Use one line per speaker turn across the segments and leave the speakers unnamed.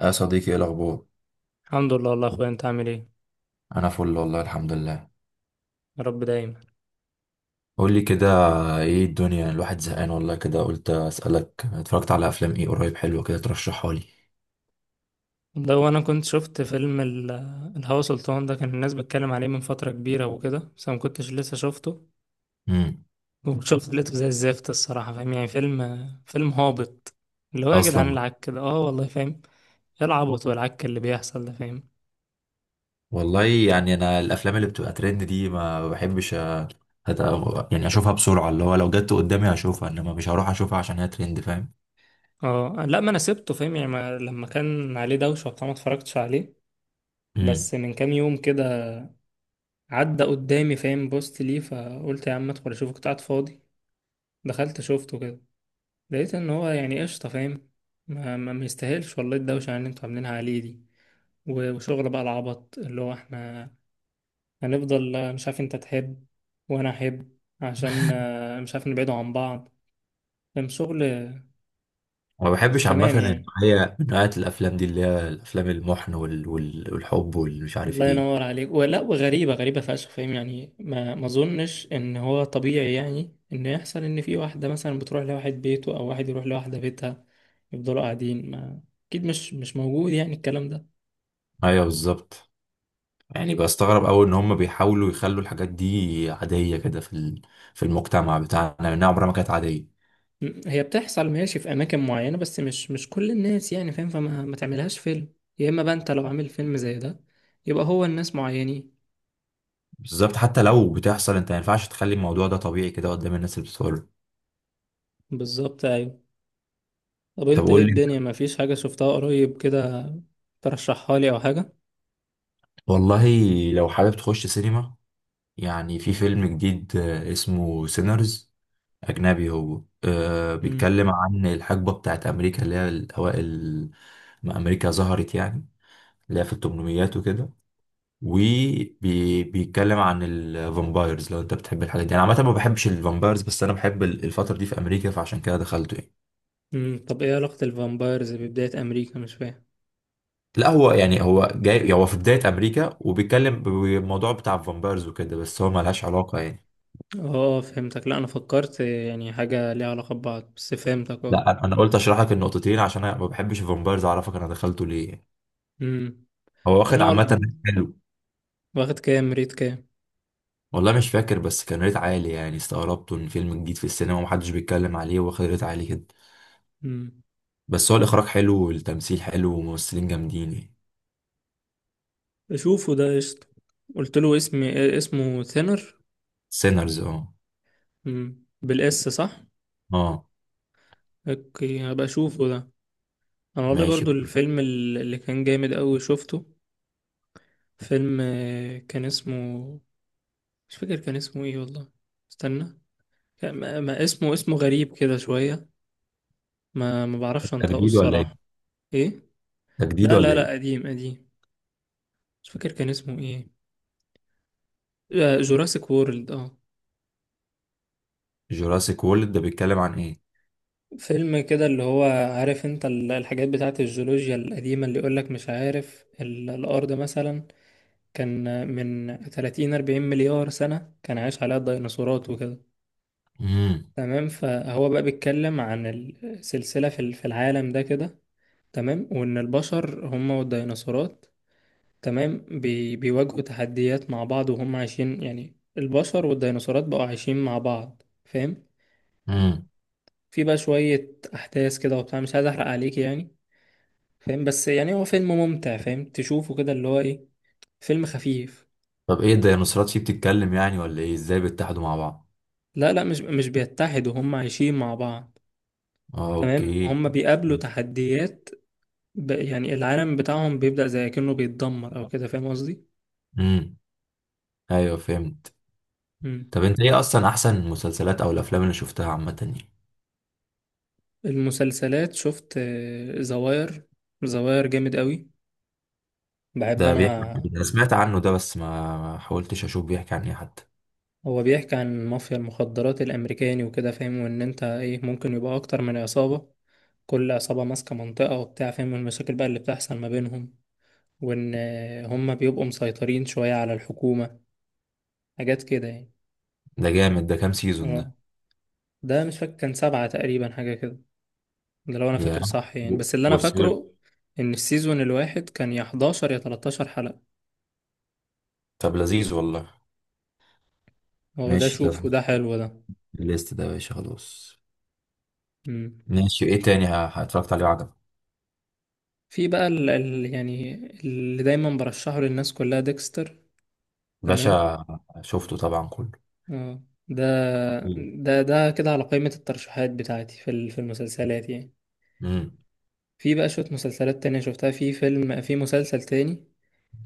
يا صديقي، ايه الاخبار؟
الحمد لله والله يا اخويا، انت عامل ايه؟
انا فل والله، الحمد لله.
يا رب دايما.
قول لي كده، ايه الدنيا؟ الواحد زهقان والله، كده قلت اسالك، اتفرجت على افلام ايه قريب حلوه كده ترشحها لي؟
لو انا كنت شفت فيلم الهوى سلطان ده، كان الناس بتتكلم عليه من فترة كبيرة وكده، بس أنا ما كنتش لسه شفته.
امم
وشفت لقيته زي الزفت الصراحة، فاهم؟ يعني فيلم هابط، اللي هو يا جدعان
اصلا.
العك كده، اه والله فاهم. ايه العبط والعك اللي بيحصل ده، فاهم؟
والله يعني انا الافلام اللي بتبقى ترند دي ما بحبش، يعني اشوفها بسرعه، اللي هو لو جت قدامي هشوفها، انما مش هروح اشوفها عشان هي ترند، فاهم؟
اه لا، ما انا سبته، فاهم؟ يعني ما لما كان عليه دوشة وبتاع ما اتفرجتش عليه.
امم
بس من كام يوم كده عدى قدامي، فاهم؟ بوست ليه، فقلت يا عم ادخل اشوفه، كنت قاعد فاضي. دخلت شفته كده، لقيت ان هو يعني قشطة، فاهم؟ ما يستاهلش والله الدوشة اللي انتوا عاملينها عليه دي. وشغل بقى العبط، اللي هو احنا هنفضل مش عارف، انت تحب وانا احب، عشان مش عارف نبعدوا عن بعض، فاهم؟ شغل
ما
مش
بحبش عامه
تمام يعني.
النوعيه من نوعيه الافلام دي، اللي هي الافلام المحن والحب والمش عارف
الله
ايه.
ينور عليك. ولا، وغريبة، غريبة فشخ، فاهم؟ يعني ما اظنش ان هو طبيعي، يعني ان يحصل ان في واحدة مثلا بتروح لواحد بيته او واحد يروح لواحدة بيتها، يفضلوا قاعدين. ما اكيد مش موجود يعني الكلام ده.
ايوه بالظبط، يعني بستغرب أوي إن هم بيحاولوا يخلوا الحاجات دي عادية كده في في المجتمع بتاعنا، لأنها عمرها ما كانت عادية.
هي بتحصل ماشي في اماكن معينه، بس مش كل الناس يعني، فاهم؟ فما ما تعملهاش فيلم. يا اما بقى انت لو عامل فيلم زي ده، يبقى هو الناس معينين.
بالظبط، حتى لو بتحصل أنت ما ينفعش تخلي الموضوع ده طبيعي كده قدام الناس اللي بتتفرج.
بالظبط ايوه. طب
طب
انت ايه
قول لي.
الدنيا، ما فيش حاجه شفتها قريب كده ترشحها لي او حاجه؟
والله، لو حابب تخش سينما، يعني في فيلم جديد اسمه سينرز. أجنبي هو،
امم.
بيتكلم عن الحقبة بتاعت أمريكا اللي هي الأوائل، ما أمريكا ظهرت يعني، اللي هي في التمنميات وكده، وبيتكلم عن الفامبايرز. لو انت بتحب الحاجات دي، انا عامه ما بحبش الفامبايرز، بس انا بحب الفتره دي في امريكا، فعشان كده دخلته يعني.
امم. طب ايه علاقه الفامبايرز ببدايه امريكا؟ مش فاهم.
لا، هو يعني هو جاي، هو في بدايه امريكا وبيتكلم بالموضوع بتاع الفامبايرز وكده، بس هو ملهاش علاقه يعني.
اه فهمتك، لا انا فكرت يعني حاجه ليها علاقه ببعض، بس فهمتك اه.
لا، أنا قلت اشرح لك النقطتين عشان انا ما بحبش الفامبايرز، اعرفك انا دخلته ليه يعني.
امم.
هو واخد
انا والله،
عامه ريت حلو.
واخد كام ريت؟ كام؟
والله مش فاكر، بس كان ريت عالي يعني، استغربته ان فيلم جديد في السينما ومحدش بيتكلم عليه واخد ريت عالي كده.
امم.
بس هو الاخراج حلو والتمثيل حلو وممثلين جامدين يعني.
اشوفه ده قشطه. قلت له اسمي، اسمه ثينر.
سينرز، اه.
مم. بالاس صح.
اه.
اوكي، هبقى اشوفه ده. انا والله
ماشي.
برضو الفيلم اللي كان جامد قوي شفته، فيلم كان اسمه، مش فاكر كان اسمه ايه والله. استنى. ما اسمه، اسمه غريب كده شوية، ما بعرفش انطقه
تجديد ولا ايه؟
الصراحة. ايه؟
تجديد
لا لا
ولا
لا،
ايه؟
قديم قديم. مش فاكر كان اسمه ايه. جوراسيك وورلد اه.
جوراسيك وورلد ده بيتكلم عن ايه؟
فيلم كده اللي هو، عارف انت الحاجات بتاعت الجيولوجيا القديمة، اللي يقولك مش عارف الأرض مثلا كان من 30 40 مليار سنة كان عايش عليها الديناصورات وكده.
امم
تمام. فهو بقى بيتكلم عن السلسلة في في العالم ده كده. تمام، وإن البشر هم والديناصورات، تمام، بيواجهوا تحديات مع بعض، وهم عايشين، يعني البشر والديناصورات بقوا عايشين مع بعض، فاهم؟
امم
في بقى شوية أحداث كده وبتاع، مش عايز أحرق عليك يعني، فاهم؟ بس يعني هو فيلم ممتع، فاهم؟ تشوفه كده اللي هو إيه، فيلم خفيف.
طب ايه الديناصورات فيه بتتكلم يعني، ولا ايه ازاي بيتحدوا مع بعض؟
لا لا، مش بيتحدوا، هم عايشين مع بعض.
آه،
تمام،
اوكي.
هم بيقابلوا تحديات، يعني العالم بتاعهم بيبدأ زي كأنه بيتدمر أو كده، فاهم قصدي؟
امم ايوه فهمت.
مم.
طب انت ايه اصلا احسن المسلسلات او الافلام اللي شفتها عامه يعني؟
المسلسلات شفت زواير. زواير جامد قوي، بحب
ده بيحكي
أنا.
عن إيه؟ انا سمعت عنه ده، بس ما حاولتش اشوف بيحكي عن ايه حتى.
هو بيحكي عن مافيا المخدرات الأمريكاني وكده، فاهم؟ وإن أنت إيه، ممكن يبقى أكتر من عصابة، كل عصابة ماسكة منطقة وبتاع، فاهم؟ والمشاكل بقى اللي بتحصل ما بينهم، وإن هم بيبقوا مسيطرين شوية على الحكومة، حاجات كده يعني.
ده جامد، ده كام سيزون
اه،
ده؟
ده مش فاكر كان سبعة تقريبا حاجة كده، ده لو انا
يا،
فاكر صح يعني، بس اللي انا
بص.
فاكره ان السيزون الواحد كان يا 11 يا 13 حلقة.
طب لذيذ والله.
هو ده
ماشي، ده في
شوف، وده حلو ده.
الليست ده يا باشا، خلاص.
مم.
ماشي، ايه تاني اتفرجت عليه وعجبك؟
في بقى ال يعني، اللي دايما برشحه للناس كلها، ديكستر. تمام،
باشا. شفته طبعا كله.
اه. ده ده كده على قائمة الترشيحات بتاعتي في المسلسلات يعني.
امم
في بقى شوية مسلسلات تانية شفتها، في فيلم، في مسلسل تاني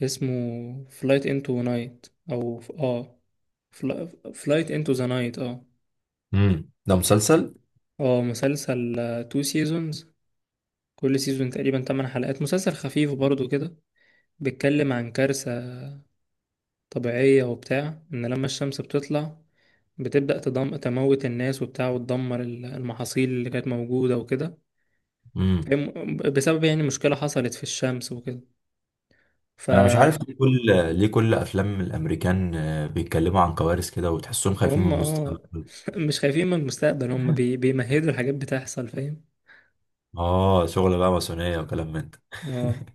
اسمه فلايت انتو نايت، او اه فلايت انتو ذا نايت اه.
ده مسلسل.
اه مسلسل، تو سيزونز، كل سيزون تقريبا 8 حلقات، مسلسل خفيف برضو كده. بيتكلم عن كارثة طبيعية وبتاع، ان لما الشمس بتطلع بتبدأ تموت الناس وبتاع، وتدمر المحاصيل اللي كانت موجودة وكده،
امم
فاهم؟ بسبب يعني مشكلة حصلت في الشمس وكده،
انا مش
فهم.
عارف ليه كل افلام الامريكان بيتكلموا عن كوارث كده، وتحسهم خايفين من
اه
المستقبل.
مش خايفين من المستقبل، هم بيمهدوا الحاجات بتحصل، فاهم؟
اه، شغل بقى ماسونيه وكلام من ده.
اه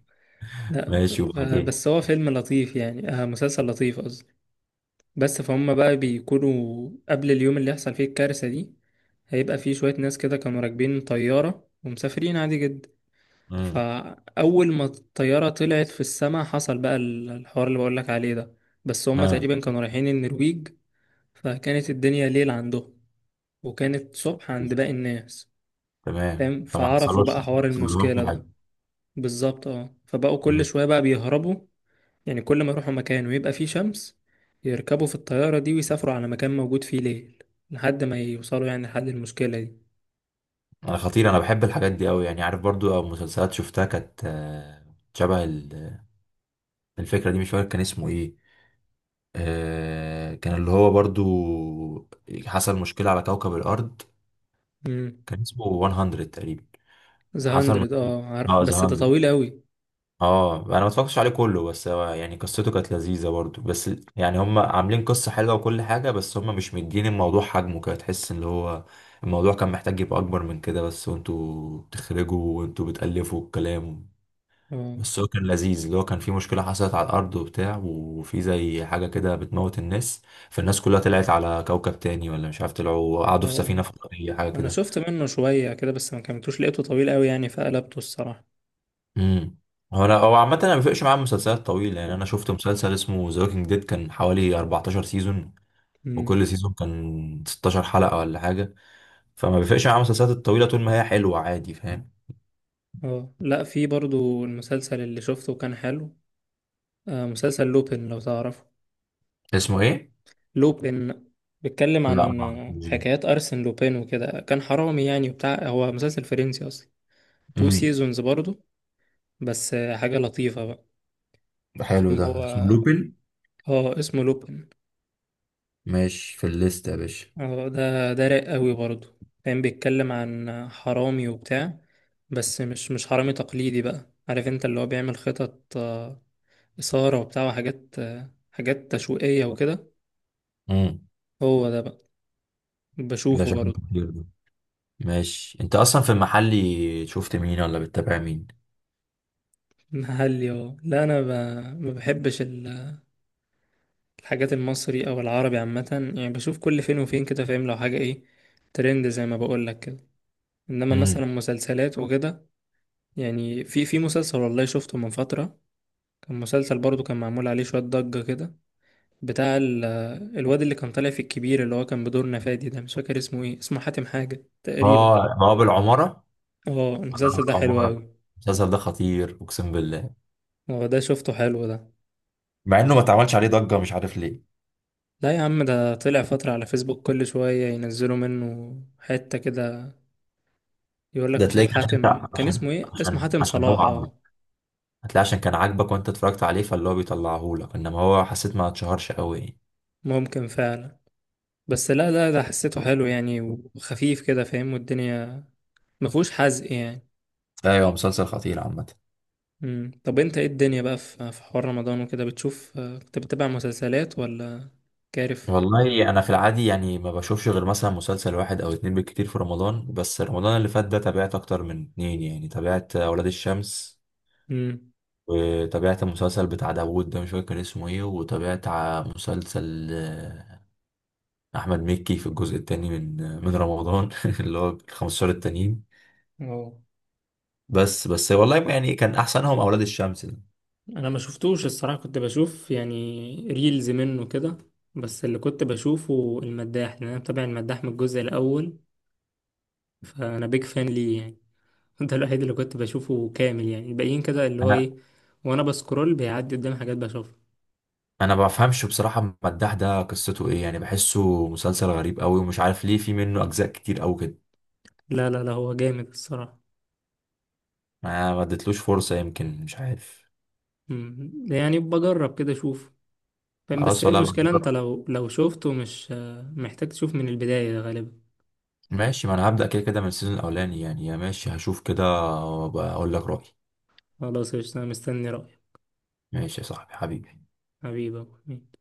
لا،
ماشي، وبعدين.
بس هو فيلم لطيف يعني، آه مسلسل لطيف. بس فهم بقى بيكونوا قبل اليوم اللي يحصل فيه الكارثة دي، هيبقى فيه شوية ناس كده كانوا راكبين طيارة ومسافرين عادي جدا.
امم
فأول ما الطيارة طلعت في السماء، حصل بقى الحوار اللي بقولك عليه ده. بس هم
اه
تقريبا كانوا رايحين النرويج، فكانت الدنيا ليل عندهم، وكانت صبح عند باقي الناس،
تمام،
فاهم؟
فما
فعرفوا
حصلوش
بقى
ما
حوار المشكلة
حصلوش
ده.
حاجه.
بالظبط اه. فبقوا كل
امم
شوية بقى بيهربوا، يعني كل ما يروحوا مكان ويبقى فيه شمس، يركبوا في الطيارة دي ويسافروا على مكان موجود فيه ليل، لحد ما يوصلوا يعني لحد المشكلة دي.
انا خطير، انا بحب الحاجات دي قوي يعني، عارف. برضو مسلسلات شفتها كانت شبه الفكره دي، مش فاكر كان اسمه ايه. كان اللي هو برضو حصل مشكلة على كوكب الأرض،
امم.
كان اسمه 100 تقريبا.
ذا
حصل
هندرد
مشكلة.
اه، عارف،
اه،
بس
ذا
ده
100.
طويل قوي.
اه، أنا ما اتفرجتش عليه كله، بس هو يعني قصته كانت لذيذة برضو، بس يعني هم عاملين قصة حلوة وكل حاجة، بس هم مش مدين الموضوع حجمه كده، تحس اللي هو الموضوع كان محتاج يبقى أكبر من كده، بس وانتوا بتخرجوا وانتوا بتألفوا الكلام.
اه
بس هو كان لذيذ، اللي هو كان في مشكلة حصلت على الأرض وبتاع، وفي زي حاجة كده بتموت الناس، فالناس كلها طلعت على كوكب تاني، ولا مش عارف، طلعوا
اه
قعدوا في سفينة
آه.
فضائية حاجة
انا
كده.
شفت منه شوية كده بس ما كملتوش، لقيته طويل قوي يعني فقلبته الصراحة.
امم هو أنا، هو عامة أنا ما بيفرقش معايا المسلسلات الطويلة يعني، أنا شفت مسلسل اسمه ذا ووكينج ديد، كان حوالي 14 سيزون، وكل
امم.
سيزون كان 16 حلقة ولا حاجة، فما بيفرقش معايا المسلسلات الطويلة طول ما هي حلوة، عادي فاهم.
اه لا، في برضو المسلسل اللي شفته كان حلو، آه مسلسل لوبين لو تعرفه.
اسمه إيه؟
لوبين، بيتكلم
لا
عن
ما اعرفوش ده.
حكايات أرسن لوبين وكده، كان حرامي يعني وبتاع، هو مسلسل فرنسي أصلا. تو
امم
سيزونز برضو، بس حاجة لطيفة بقى.
حلو
فيلم
ده،
هو،
اسمه لوبين.
اه اسمه لوبين
ماشي، في الليست يا باشا.
اه. ده ده رايق قوي برضو، كان بيتكلم عن حرامي وبتاع، بس مش حرامي تقليدي بقى، عارف انت اللي هو بيعمل خطط، إثارة وبتاع وحاجات، حاجات تشويقية وكده.
امم
هو ده بقى،
ده
بشوفه
شكله
برضو.
كتير ده. ماشي، انت اصلا في المحلي شفت مين ولا بتتابع مين؟
محلي اه لا، انا ما بحبش الحاجات المصري او العربي عامة يعني، بشوف كل فين وفين كده، فاهم؟ لو حاجة ايه ترند زي ما بقول لك، انما
امم
مثلا مسلسلات وكده. يعني في في مسلسل والله شفته من فترة، كان مسلسل برضو كان معمول عليه شوية ضجة كده، بتاع الواد اللي كان طالع في الكبير، اللي هو كان بدور نفادي ده، مش فاكر اسمه ايه، اسمه حاتم حاجة تقريبا.
اه، ما هو بالعماره.
اه
ما هو
المسلسل ده حلو
بالعماره،
قوي.
المسلسل ده خطير، اقسم بالله،
هو ده شفته، حلو ده.
مع انه ما اتعملش عليه ضجه، مش عارف ليه.
لا يا عم، ده طلع فترة على فيسبوك كل شوية ينزلوا منه حتة كده، يقول لك
ده
مش عارف
تلاقيك عشان انت،
حاتم كان
عشان
اسمه ايه، اسمه
عشان
حاتم
عشان
صلاح
هو عاجبك،
اه.
هتلاقي عشان كان عاجبك وانت اتفرجت عليه، فاللي هو بيطلعهولك، انما هو حسيت ما اتشهرش قوي يعني.
ممكن فعلا، بس لا لا، ده حسيته حلو يعني وخفيف كده، فاهم؟ والدنيا ما فيهوش حزق يعني.
ايوه، مسلسل خطير عامه.
مم. طب انت ايه الدنيا بقى، في في حوار رمضان وكده بتشوف، كنت بتتابع مسلسلات ولا كارف؟
والله انا في العادي يعني ما بشوفش غير مثلا مسلسل واحد او اتنين بالكتير في رمضان، بس رمضان اللي فات ده تابعت اكتر من اتنين يعني، تابعت اولاد الشمس،
امم.
وتابعت المسلسل بتاع داوود ده، مش فاكر كان اسمه ايه، وتابعت مسلسل احمد مكي في الجزء التاني من من رمضان اللي هو ال 15 التانيين.
اه
بس والله يعني كان احسنهم اولاد الشمس ده.
انا ما شفتوش الصراحة، كنت بشوف يعني ريلز منه كده، بس اللي كنت بشوفه المداح، لان انا متابع المداح من الجزء الاول، فانا بيج فان ليه يعني ده الوحيد اللي كنت بشوفه كامل يعني، الباقيين كده اللي هو
انا
ايه، وانا بسكرول بيعدي قدام حاجات بشوفها.
انا ما بفهمش بصراحة، المداح ده قصته ايه يعني؟ بحسه مسلسل غريب قوي، ومش عارف ليه في منه اجزاء كتير قوي كده.
لا لا لا، هو جامد الصراحة.
ما اديتلوش فرصة، يمكن مش عارف.
مم. يعني بجرب كده اشوف، فاهم؟ بس
خلاص،
هي
ولا
المشكلة انت
بجرب.
لو شفته، مش محتاج تشوف من البداية غالبا.
ماشي، ما انا هبدأ كده كده من السيزون الاولاني يعني، يا ماشي هشوف كده، وبقول لك رأيي.
خلاص قشطة، انا مستني رأيك.
ماشي يا صاحبي حبيبي.
حبيبي يا أبو حميد.